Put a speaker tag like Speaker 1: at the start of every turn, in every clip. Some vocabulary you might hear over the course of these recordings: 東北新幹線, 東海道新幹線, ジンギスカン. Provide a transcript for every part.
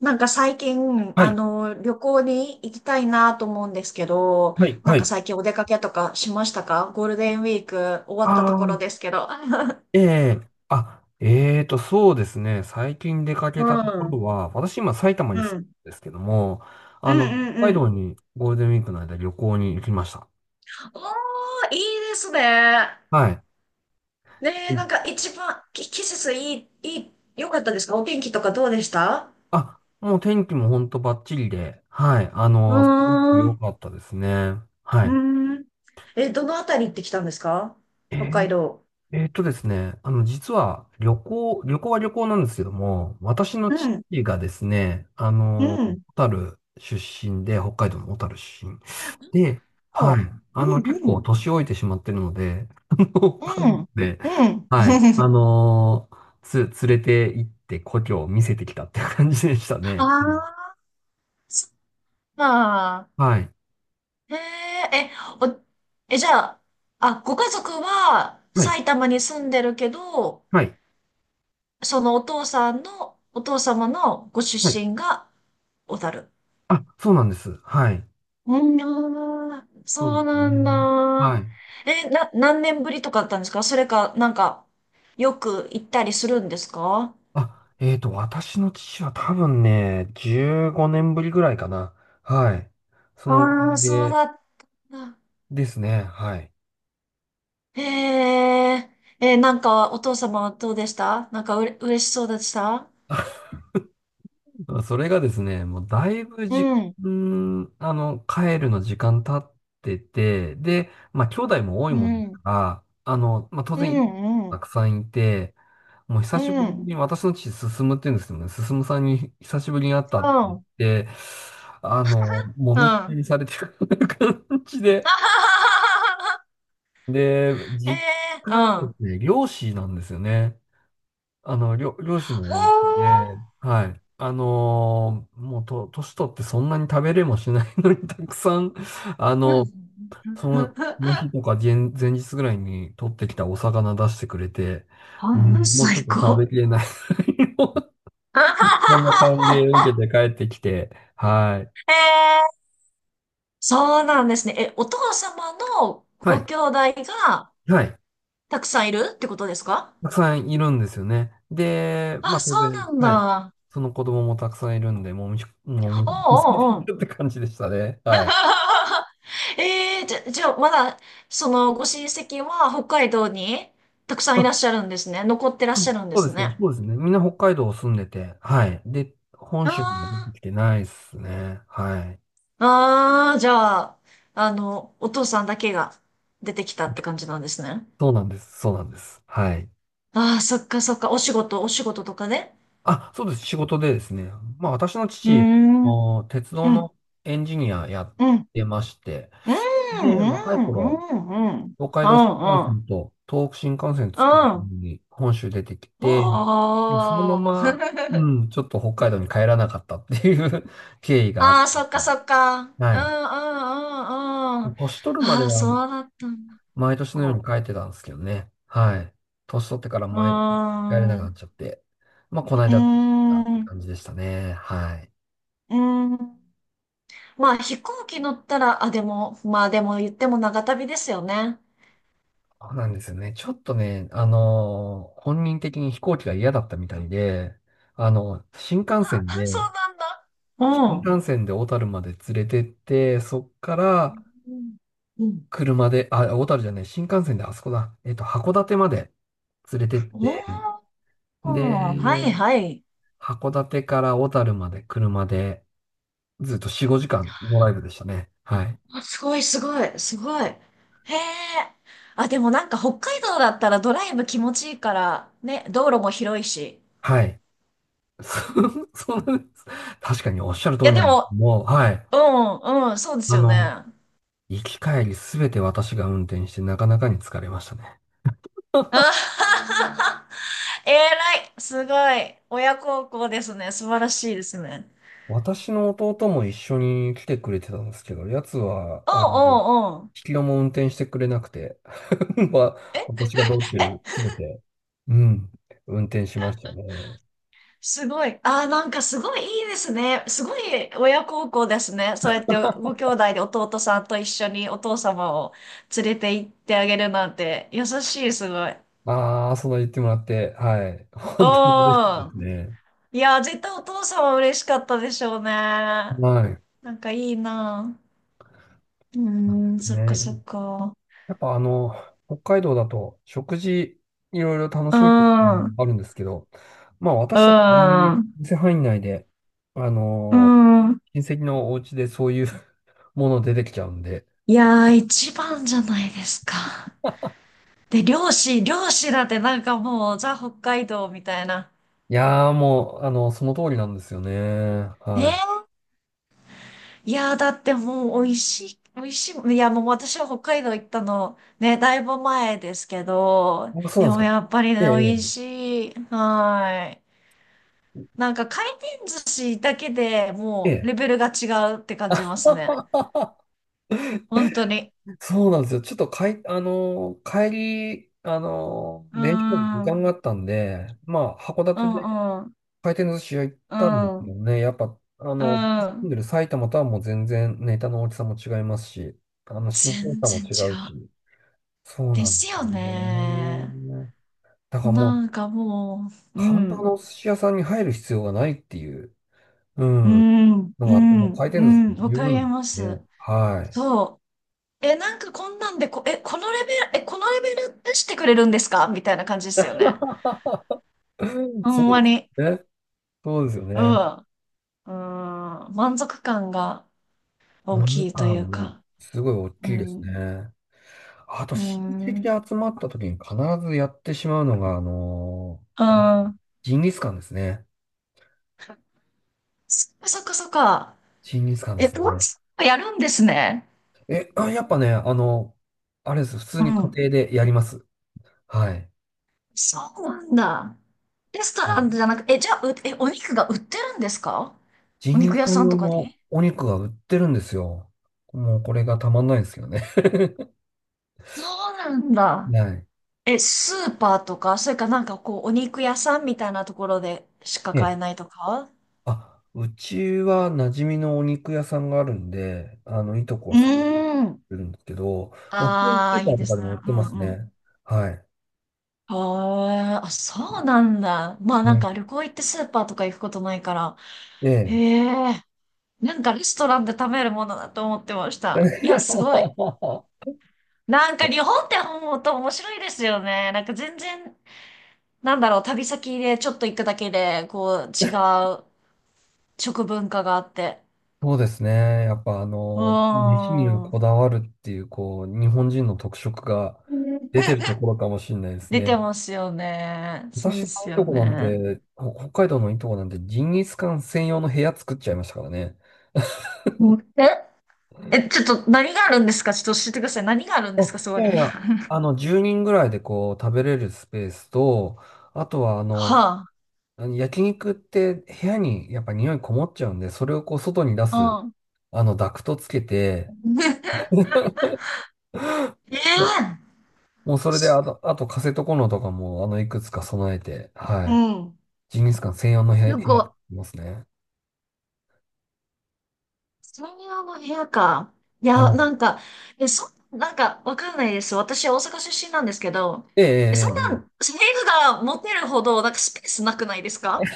Speaker 1: 最近、
Speaker 2: はい、
Speaker 1: 旅行に行きたいなと思うんですけど、
Speaker 2: はい、はい。
Speaker 1: 最近お出かけとかしましたか？ゴールデンウィーク終わ
Speaker 2: あ
Speaker 1: ったところ
Speaker 2: あ、
Speaker 1: ですけど。
Speaker 2: ええ。あ、そうですね。最近出か
Speaker 1: う
Speaker 2: けたとこ
Speaker 1: ん、う
Speaker 2: ろ
Speaker 1: ん、
Speaker 2: は、私今埼玉
Speaker 1: う
Speaker 2: に住ん
Speaker 1: ん
Speaker 2: でるんですけども、あ
Speaker 1: う
Speaker 2: の、
Speaker 1: ん
Speaker 2: 北海
Speaker 1: う
Speaker 2: 道
Speaker 1: ん。
Speaker 2: にゴールデンウィークの間旅行に行きました。
Speaker 1: おー、いいですね。
Speaker 2: はい。
Speaker 1: ね
Speaker 2: う
Speaker 1: え、
Speaker 2: ん。
Speaker 1: 一番、季節いい、いい、良かったですか？お天気とかどうでした？
Speaker 2: あ、もう天気も本当バッチリで、はい。
Speaker 1: う
Speaker 2: すごく
Speaker 1: ーん、
Speaker 2: 良
Speaker 1: う
Speaker 2: かったですね。は
Speaker 1: ー
Speaker 2: い。
Speaker 1: ん。え、どのあたり行ってきたんですか？
Speaker 2: え
Speaker 1: 北
Speaker 2: ー
Speaker 1: 海道。
Speaker 2: ですね、実は旅行は旅行なんですけども、私の
Speaker 1: う
Speaker 2: 父
Speaker 1: ん、
Speaker 2: がですね、
Speaker 1: うん。
Speaker 2: 小樽出身で、北海道の小樽出身で、
Speaker 1: お、
Speaker 2: はい、
Speaker 1: うん、
Speaker 2: 結
Speaker 1: う
Speaker 2: 構
Speaker 1: ん。
Speaker 2: 年老いてしまってるので、家
Speaker 1: う
Speaker 2: 族
Speaker 1: ん。
Speaker 2: で、
Speaker 1: うん。
Speaker 2: はい、つ、連れて行って故郷を見せてきたっていう感じでした
Speaker 1: あ
Speaker 2: ね。うん。
Speaker 1: あ、そっか。
Speaker 2: はい、
Speaker 1: へえ、え、お、え、じゃあ、あ、ご家族は
Speaker 2: はい、
Speaker 1: 埼玉に住んでるけど、
Speaker 2: はい、
Speaker 1: そのお父さんの、お父様のご出
Speaker 2: はい。
Speaker 1: 身が小樽。
Speaker 2: あ、そうなんです。はい、
Speaker 1: うん、あー
Speaker 2: そう
Speaker 1: そ
Speaker 2: で
Speaker 1: う
Speaker 2: す
Speaker 1: なん
Speaker 2: ね。は
Speaker 1: だ。
Speaker 2: い。
Speaker 1: え、何年ぶりとかだったんですか？それか、よく行ったりするんですか？
Speaker 2: あ、私の父は多分ね、15年ぶりぐらいかな。はい。そ
Speaker 1: あ
Speaker 2: の、
Speaker 1: あー、そう
Speaker 2: で、
Speaker 1: だった。
Speaker 2: ですね。はい。
Speaker 1: へえ、えー、お父様はどうでした？なんかうれ、嬉しそうでした？
Speaker 2: それがですね、もうだいぶ
Speaker 1: う
Speaker 2: 時
Speaker 1: ん、
Speaker 2: 間、帰るの時間経ってて、で、まあ、兄弟も多い
Speaker 1: う
Speaker 2: もんですか
Speaker 1: ん、
Speaker 2: ら、まあ、当
Speaker 1: うん、う
Speaker 2: 然、
Speaker 1: ん、う
Speaker 2: た
Speaker 1: ん、
Speaker 2: くさんいて、もう久
Speaker 1: う
Speaker 2: しぶりに
Speaker 1: ん、
Speaker 2: 私の父、進むって言うんですけどね、進さんに久しぶりに会ったって言って、あの、も
Speaker 1: う
Speaker 2: みくちゃ
Speaker 1: ん、
Speaker 2: にされてる 感じで、で、
Speaker 1: え
Speaker 2: 実
Speaker 1: え、
Speaker 2: 家がで
Speaker 1: は
Speaker 2: すね、漁師なんですよね。漁師のお家で、はい。もうと、年取ってそんなに食べれもしないのに、たくさん、あ
Speaker 1: うん。え
Speaker 2: の、
Speaker 1: ーうん
Speaker 2: その、その 日とか前日ぐらいに取ってきたお魚出してくれて、
Speaker 1: ほ
Speaker 2: う
Speaker 1: んの
Speaker 2: ん。もうち
Speaker 1: 最
Speaker 2: ょっと食
Speaker 1: 高。
Speaker 2: べきれない。そんな感じで受 けて帰ってきて、はい。
Speaker 1: ええ、そうなんですね。え、お父様の
Speaker 2: は
Speaker 1: ご
Speaker 2: い。
Speaker 1: 兄弟が
Speaker 2: はい。
Speaker 1: たくさんいるってことですか？
Speaker 2: たくさんいるんですよね。で、まあ
Speaker 1: あ、そ
Speaker 2: 当
Speaker 1: うな
Speaker 2: 然、
Speaker 1: ん
Speaker 2: はい。
Speaker 1: だ。
Speaker 2: その子供もたくさんいるんで、もみ、も
Speaker 1: お
Speaker 2: み、されて
Speaker 1: うおうお
Speaker 2: る
Speaker 1: う
Speaker 2: って感じでしたね。はい。
Speaker 1: ええ、じゃあ、まだ、その、ご親戚は北海道にたくさんい
Speaker 2: あ、
Speaker 1: らっしゃるんですね。残ってらっ
Speaker 2: そ
Speaker 1: し
Speaker 2: う
Speaker 1: ゃるんで
Speaker 2: そう
Speaker 1: す
Speaker 2: ですね。
Speaker 1: ね。
Speaker 2: そうですね。みんな北海道住んでて、はい。で、本州には出
Speaker 1: あ
Speaker 2: てきてないですね。はい。
Speaker 1: あ、ああ、じゃあ、お父さんだけが出てきたって感じなんですね。
Speaker 2: そうなんです。そうなんです。はい。
Speaker 1: ああ、そっかそっか。お仕事、お仕事とかね。
Speaker 2: あ、そうです。仕事でですね。まあ私の
Speaker 1: うー
Speaker 2: 父、
Speaker 1: ん、うん、
Speaker 2: もう鉄道
Speaker 1: うん、
Speaker 2: のエンジニアやっ
Speaker 1: うん、
Speaker 2: てまして、
Speaker 1: うん、う
Speaker 2: で、
Speaker 1: ん、
Speaker 2: 若い
Speaker 1: う
Speaker 2: 頃、
Speaker 1: ん、う
Speaker 2: 東海道新幹
Speaker 1: ん、うん、
Speaker 2: 線と東北新幹線
Speaker 1: う
Speaker 2: 作る
Speaker 1: ん。
Speaker 2: のに本州出てきて、まあそのま
Speaker 1: お
Speaker 2: ま、
Speaker 1: ー。
Speaker 2: う ん、ちょっと北海道に帰らなかったっていう 経緯があっ
Speaker 1: あ
Speaker 2: て、
Speaker 1: あ、そっかそっか。うん
Speaker 2: は
Speaker 1: う
Speaker 2: い。
Speaker 1: んうんうん。
Speaker 2: 年取るまで
Speaker 1: ああ、
Speaker 2: は
Speaker 1: そうだったんだ。
Speaker 2: 毎年のように
Speaker 1: お
Speaker 2: 帰ってたんですけどね。はい。年取ってから
Speaker 1: う。ー
Speaker 2: 毎帰れなく
Speaker 1: ん。
Speaker 2: なっ
Speaker 1: う
Speaker 2: ちゃって、まあ、この
Speaker 1: ー
Speaker 2: 間帰ったって
Speaker 1: ん。う
Speaker 2: 感じでしたね。はい。
Speaker 1: ーん。まあ、飛行機乗ったら、あ、でも、まあでも言っても長旅ですよね。
Speaker 2: そうなんですよね。ちょっとね、本人的に飛行機が嫌だったみたいで、あの、新幹
Speaker 1: あ、
Speaker 2: 線
Speaker 1: あ
Speaker 2: で
Speaker 1: そうなんだ。
Speaker 2: 新
Speaker 1: う
Speaker 2: 幹線で小樽まで連れてって、そっから
Speaker 1: ん。うん。
Speaker 2: 車で、あ、小樽じゃない、新幹線であそこだ。函館まで連れてって、
Speaker 1: おー、はい
Speaker 2: で、
Speaker 1: はい。
Speaker 2: 函館から小樽まで車でずっと4、5時間ドライブでしたね。はい。
Speaker 1: あ、すごいすごい、すごい。へえ。あ、でも北海道だったらドライブ気持ちいいから、ね、道路も広いし。
Speaker 2: はい。そうなんです。確かにおっしゃる通
Speaker 1: い
Speaker 2: り
Speaker 1: や
Speaker 2: な
Speaker 1: で
Speaker 2: んですけ
Speaker 1: も、
Speaker 2: ども、はい。
Speaker 1: うん、うん、そうです
Speaker 2: あ
Speaker 1: よね。
Speaker 2: の、
Speaker 1: あ
Speaker 2: 行き帰りすべて私が運転してなかなかに疲れましたね。
Speaker 1: はははえらい、すごい。親孝行ですね。素晴らしいですね。
Speaker 2: 私の弟も一緒に来てくれてたんですけど、やつは、
Speaker 1: うん
Speaker 2: 引
Speaker 1: うんうん。
Speaker 2: き戸も運転してくれなくて、ま私が道中
Speaker 1: え、
Speaker 2: 詰めて、うん、運転しましたね。
Speaker 1: すごい。あー、すごいいいですね。すごい親孝行ですね。そうやってご兄弟で弟さんと一緒にお父様を連れて行ってあげるなんて優しい、すごい。
Speaker 2: ああ、その言ってもらって、はい。
Speaker 1: う
Speaker 2: 本当に嬉しいです
Speaker 1: ん。
Speaker 2: ね。
Speaker 1: いや絶対お父様嬉しかったでしょうね。
Speaker 2: は
Speaker 1: いいな。うーん、
Speaker 2: い。
Speaker 1: そっかそ
Speaker 2: ね。
Speaker 1: っか。
Speaker 2: やっぱ北海道だと食事いろいろ楽
Speaker 1: う
Speaker 2: しむっていうの
Speaker 1: ん、う
Speaker 2: もあるんですけど、まあ
Speaker 1: ん、
Speaker 2: 私たちあん店範囲内で、あ
Speaker 1: う
Speaker 2: の
Speaker 1: ん。
Speaker 2: 親戚のお家でそういう もの出てきちゃうんで。
Speaker 1: いやー、一番じゃないですか。で、漁師、漁師だってもう、ザ・北海道みたいな。
Speaker 2: いやーもう、その通りなんですよね。
Speaker 1: ね
Speaker 2: は
Speaker 1: え。いやー、だってもう、美味しい、美味しい。いや、もう私は北海道行ったの、ね、だいぶ前ですけど、
Speaker 2: い。あ、そうな
Speaker 1: で
Speaker 2: んで
Speaker 1: も
Speaker 2: すか。
Speaker 1: やっぱりね、
Speaker 2: え
Speaker 1: 美味
Speaker 2: え、
Speaker 1: しい。はい。回転寿司だけで
Speaker 2: ええ。
Speaker 1: もう、
Speaker 2: ええ
Speaker 1: レベルが違うって感じますね。本当に。
Speaker 2: そうなんですよ。ちょっとかい、帰り、
Speaker 1: うー
Speaker 2: 電車の時
Speaker 1: ん、う
Speaker 2: 間
Speaker 1: ん、
Speaker 2: があったんで、まあ、函
Speaker 1: う
Speaker 2: 館で
Speaker 1: ん、
Speaker 2: 回転寿司屋行っ
Speaker 1: う
Speaker 2: たんですけど
Speaker 1: ん。
Speaker 2: ね、やっぱ、
Speaker 1: う
Speaker 2: 住ん
Speaker 1: ん。
Speaker 2: でる埼玉とはもう全然ネタの大きさも違いますし、新鮮
Speaker 1: 全
Speaker 2: さも
Speaker 1: 然
Speaker 2: 違
Speaker 1: 違
Speaker 2: う
Speaker 1: う。
Speaker 2: し、そう
Speaker 1: で
Speaker 2: なん
Speaker 1: す
Speaker 2: です
Speaker 1: よ
Speaker 2: よ
Speaker 1: ね。
Speaker 2: ね。だからもう、
Speaker 1: なんかもう、う
Speaker 2: 簡単なお
Speaker 1: ん。
Speaker 2: 寿司屋さんに入る必要がないっていう、う
Speaker 1: う
Speaker 2: ん、
Speaker 1: ん、
Speaker 2: の
Speaker 1: う
Speaker 2: があって、もう回
Speaker 1: ん、う
Speaker 2: 転寿司
Speaker 1: ん、
Speaker 2: で
Speaker 1: わ
Speaker 2: 十
Speaker 1: かり
Speaker 2: 分
Speaker 1: ます。
Speaker 2: ね。はい。
Speaker 1: そう。え、なんかこんなんでこ、え、このレベル、え、このレベル出してくれるんですかみたいな感じですよね。ほ
Speaker 2: そう
Speaker 1: んま
Speaker 2: です
Speaker 1: に。
Speaker 2: ね。そうですよ
Speaker 1: う
Speaker 2: ね。
Speaker 1: ん。うん。満足感が大
Speaker 2: お値
Speaker 1: きいという
Speaker 2: 段も
Speaker 1: か。
Speaker 2: すごい大
Speaker 1: う
Speaker 2: きいです
Speaker 1: ん。
Speaker 2: ね。あと、
Speaker 1: う
Speaker 2: 親戚
Speaker 1: ん。
Speaker 2: で集まった時に必ずやってしまうのが、
Speaker 1: う
Speaker 2: ー
Speaker 1: ん。
Speaker 2: ジンギスカンですね。
Speaker 1: そっかそっかそっか。
Speaker 2: ジンギスカンで
Speaker 1: え、
Speaker 2: す
Speaker 1: も
Speaker 2: ね。
Speaker 1: うやるんですね。
Speaker 2: え、あ、やっぱね、あれです。普通
Speaker 1: う
Speaker 2: に家
Speaker 1: ん。
Speaker 2: 庭でやります。はい。
Speaker 1: そうなんだ。レストランじゃなく、え、じゃあ、え、お肉が売ってるんですか？
Speaker 2: ジ
Speaker 1: お
Speaker 2: ンギ
Speaker 1: 肉
Speaker 2: ス
Speaker 1: 屋
Speaker 2: カン
Speaker 1: さん
Speaker 2: 用
Speaker 1: とか
Speaker 2: の
Speaker 1: に？
Speaker 2: お肉が売ってるんですよ。もうこれがたまんないですよね。
Speaker 1: そうなんだ。
Speaker 2: はい。
Speaker 1: え、スーパーとか、それかこう、お肉屋さんみたいなところでしか
Speaker 2: え
Speaker 1: 買え
Speaker 2: え。
Speaker 1: ないとか？
Speaker 2: あ、うちは馴染みのお肉屋さんがあるんで、いとこ
Speaker 1: う
Speaker 2: はそこに
Speaker 1: ーん。
Speaker 2: 売るんですけど、もう普通にス
Speaker 1: ああ、
Speaker 2: ーパ
Speaker 1: いい
Speaker 2: ー
Speaker 1: で
Speaker 2: とか
Speaker 1: す
Speaker 2: で
Speaker 1: ね。
Speaker 2: も売って
Speaker 1: う
Speaker 2: ま
Speaker 1: ん
Speaker 2: す
Speaker 1: うん。
Speaker 2: ね。はい。
Speaker 1: あーあ、そうなんだ。まあ
Speaker 2: ね
Speaker 1: 旅行行ってスーパーとか行くことないから。
Speaker 2: え
Speaker 1: へ
Speaker 2: え。
Speaker 1: え。レストランで食べるものだと思ってました。いや、すごい。日本って本当面白いですよね。なんか全然、なんだろう、旅先でちょっと行くだけで、こう、違う食文化があって。
Speaker 2: そうですね。やっぱ
Speaker 1: う
Speaker 2: 飯には
Speaker 1: ーん。
Speaker 2: こだわるっていう、こう、日本人の特色が出てるところかもしれないです
Speaker 1: 出
Speaker 2: ね。
Speaker 1: てますよね。そう
Speaker 2: 私
Speaker 1: で
Speaker 2: の
Speaker 1: す
Speaker 2: いい
Speaker 1: よ
Speaker 2: とこなん
Speaker 1: ね。
Speaker 2: て、北海道のいいとこなんて、ジンギスカン専用の部屋作っちゃいましたからね。
Speaker 1: うんえ、え、ちょっと何があるんですか？ちょっと教えてください。何があるん
Speaker 2: あ、
Speaker 1: ですかそ
Speaker 2: い
Speaker 1: こに？
Speaker 2: やいや、10人ぐらいでこう、食べれるスペースと、あとは
Speaker 1: は
Speaker 2: あの焼肉って部屋にやっぱ匂いこもっちゃうんで、それをこう、外に出す、
Speaker 1: あ。うん。
Speaker 2: ダクトつけて、
Speaker 1: ええ
Speaker 2: もうそれで、あとカセットコンロとかも、いくつか備えて、は
Speaker 1: う
Speaker 2: い。
Speaker 1: ん。
Speaker 2: ジンギスカン専用の部屋、
Speaker 1: す
Speaker 2: 部屋
Speaker 1: ごい。
Speaker 2: 作りますね。
Speaker 1: 専用の部屋か。い
Speaker 2: は
Speaker 1: や、
Speaker 2: い。
Speaker 1: え、なんか、わかんないです。私、大阪出身なんですけど、
Speaker 2: ええ
Speaker 1: え、
Speaker 2: え
Speaker 1: そん
Speaker 2: え
Speaker 1: な、
Speaker 2: え
Speaker 1: 部
Speaker 2: え
Speaker 1: 屋が持てるほど、スペースなくないですか？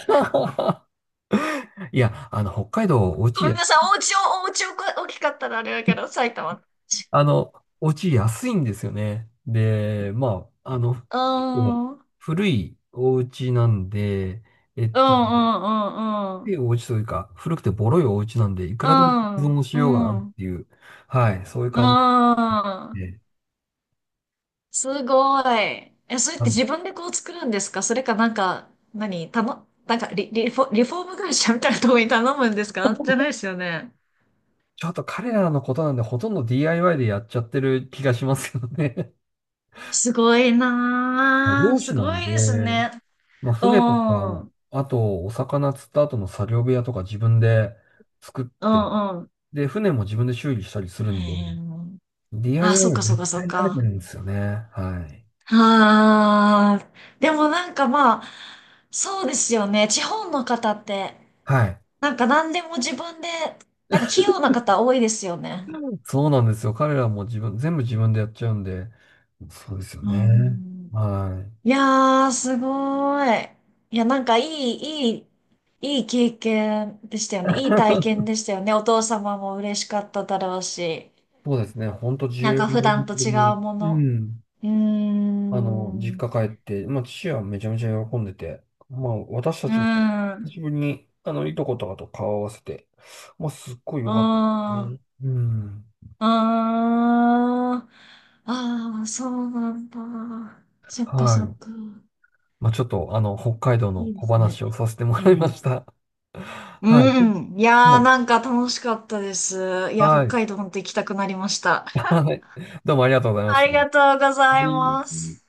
Speaker 2: いや、北海道、
Speaker 1: ごめんなさい、お家を、お家をこ大きかったらあれだけど、埼玉の家。
Speaker 2: あの、お家安いんですよね。で、まあ、
Speaker 1: うー
Speaker 2: 結構
Speaker 1: ん、うん、
Speaker 2: 古いお家なんで、えっ
Speaker 1: う
Speaker 2: と、
Speaker 1: ん、う
Speaker 2: 古い
Speaker 1: ん、
Speaker 2: お家というか、古くてボロいお家なんで、いく
Speaker 1: う
Speaker 2: らでも依
Speaker 1: ん、
Speaker 2: 存し
Speaker 1: う
Speaker 2: ようがあるっ
Speaker 1: ん、う
Speaker 2: ていう、はい、そういう感
Speaker 1: ん、う
Speaker 2: じ
Speaker 1: ん。
Speaker 2: で、
Speaker 1: すごい。え、それっ
Speaker 2: あ
Speaker 1: て
Speaker 2: の
Speaker 1: 自分でこう作るんですか？それかなんか、何頼、なんかリ、リフォ、リフォーム会社みたいなところに頼むんですか？じゃないで すよね。
Speaker 2: ちょっと彼らのことなんで、ほとんど DIY でやっちゃってる気がしますよね。
Speaker 1: すごい なー。
Speaker 2: 漁師
Speaker 1: す
Speaker 2: な
Speaker 1: ご
Speaker 2: ん
Speaker 1: いです
Speaker 2: で、
Speaker 1: ね。
Speaker 2: まあ、
Speaker 1: う
Speaker 2: 船とか、
Speaker 1: ん。うん
Speaker 2: あと、お魚釣った後の作業部屋とか自分で作っ
Speaker 1: う
Speaker 2: て、
Speaker 1: ん。
Speaker 2: で、船も自分で修理したりするんで、
Speaker 1: へーあ、そ
Speaker 2: DIY
Speaker 1: っ
Speaker 2: は
Speaker 1: かそっ
Speaker 2: 絶
Speaker 1: かそっ
Speaker 2: 対慣れてる
Speaker 1: か。
Speaker 2: んですよね。はい。
Speaker 1: あー。でもまあ、そうですよね。地方の方って、
Speaker 2: はい。
Speaker 1: なんか何でも自分で、なんか器用な方多いですよね。
Speaker 2: そうなんですよ。彼らも全部自分でやっちゃうんで、そうですよ
Speaker 1: う
Speaker 2: ね。
Speaker 1: ん。
Speaker 2: はい。
Speaker 1: いやー、すごい。いや、いい経験でしたよね。いい体験でしたよね。お父様も嬉しかっただろうし。
Speaker 2: そうですね。ほんと
Speaker 1: なん
Speaker 2: 10
Speaker 1: か普
Speaker 2: 年
Speaker 1: 段と
Speaker 2: ぶ
Speaker 1: 違
Speaker 2: り
Speaker 1: う
Speaker 2: に、
Speaker 1: も
Speaker 2: う
Speaker 1: の。
Speaker 2: ん。
Speaker 1: うー
Speaker 2: 実
Speaker 1: ん。う
Speaker 2: 家帰って、まあ、父はめちゃめちゃ喜んでて、まあ、私た
Speaker 1: ー
Speaker 2: ちも、
Speaker 1: ん。
Speaker 2: 久
Speaker 1: う
Speaker 2: しぶりに、いとことかと顔を合わせて、まあ、すっごい
Speaker 1: ー
Speaker 2: 良かったです
Speaker 1: ん。う
Speaker 2: ね。うん。
Speaker 1: ーん。ああ、そうなんだ。そっか
Speaker 2: は
Speaker 1: そ
Speaker 2: い。
Speaker 1: っか。
Speaker 2: まあ、ちょっと、北海道の
Speaker 1: いいで
Speaker 2: 小
Speaker 1: すね。
Speaker 2: 話をさせても
Speaker 1: う
Speaker 2: らいま
Speaker 1: ん。
Speaker 2: した。はい。
Speaker 1: うん。いやー、
Speaker 2: も
Speaker 1: なんか楽しかったです。い
Speaker 2: う
Speaker 1: や、
Speaker 2: は
Speaker 1: 北
Speaker 2: い。
Speaker 1: 海道本当行きたくなりました。
Speaker 2: はい。どうもありがとうございまし
Speaker 1: あ
Speaker 2: た。
Speaker 1: り
Speaker 2: は
Speaker 1: がとうござい
Speaker 2: い。
Speaker 1: ます。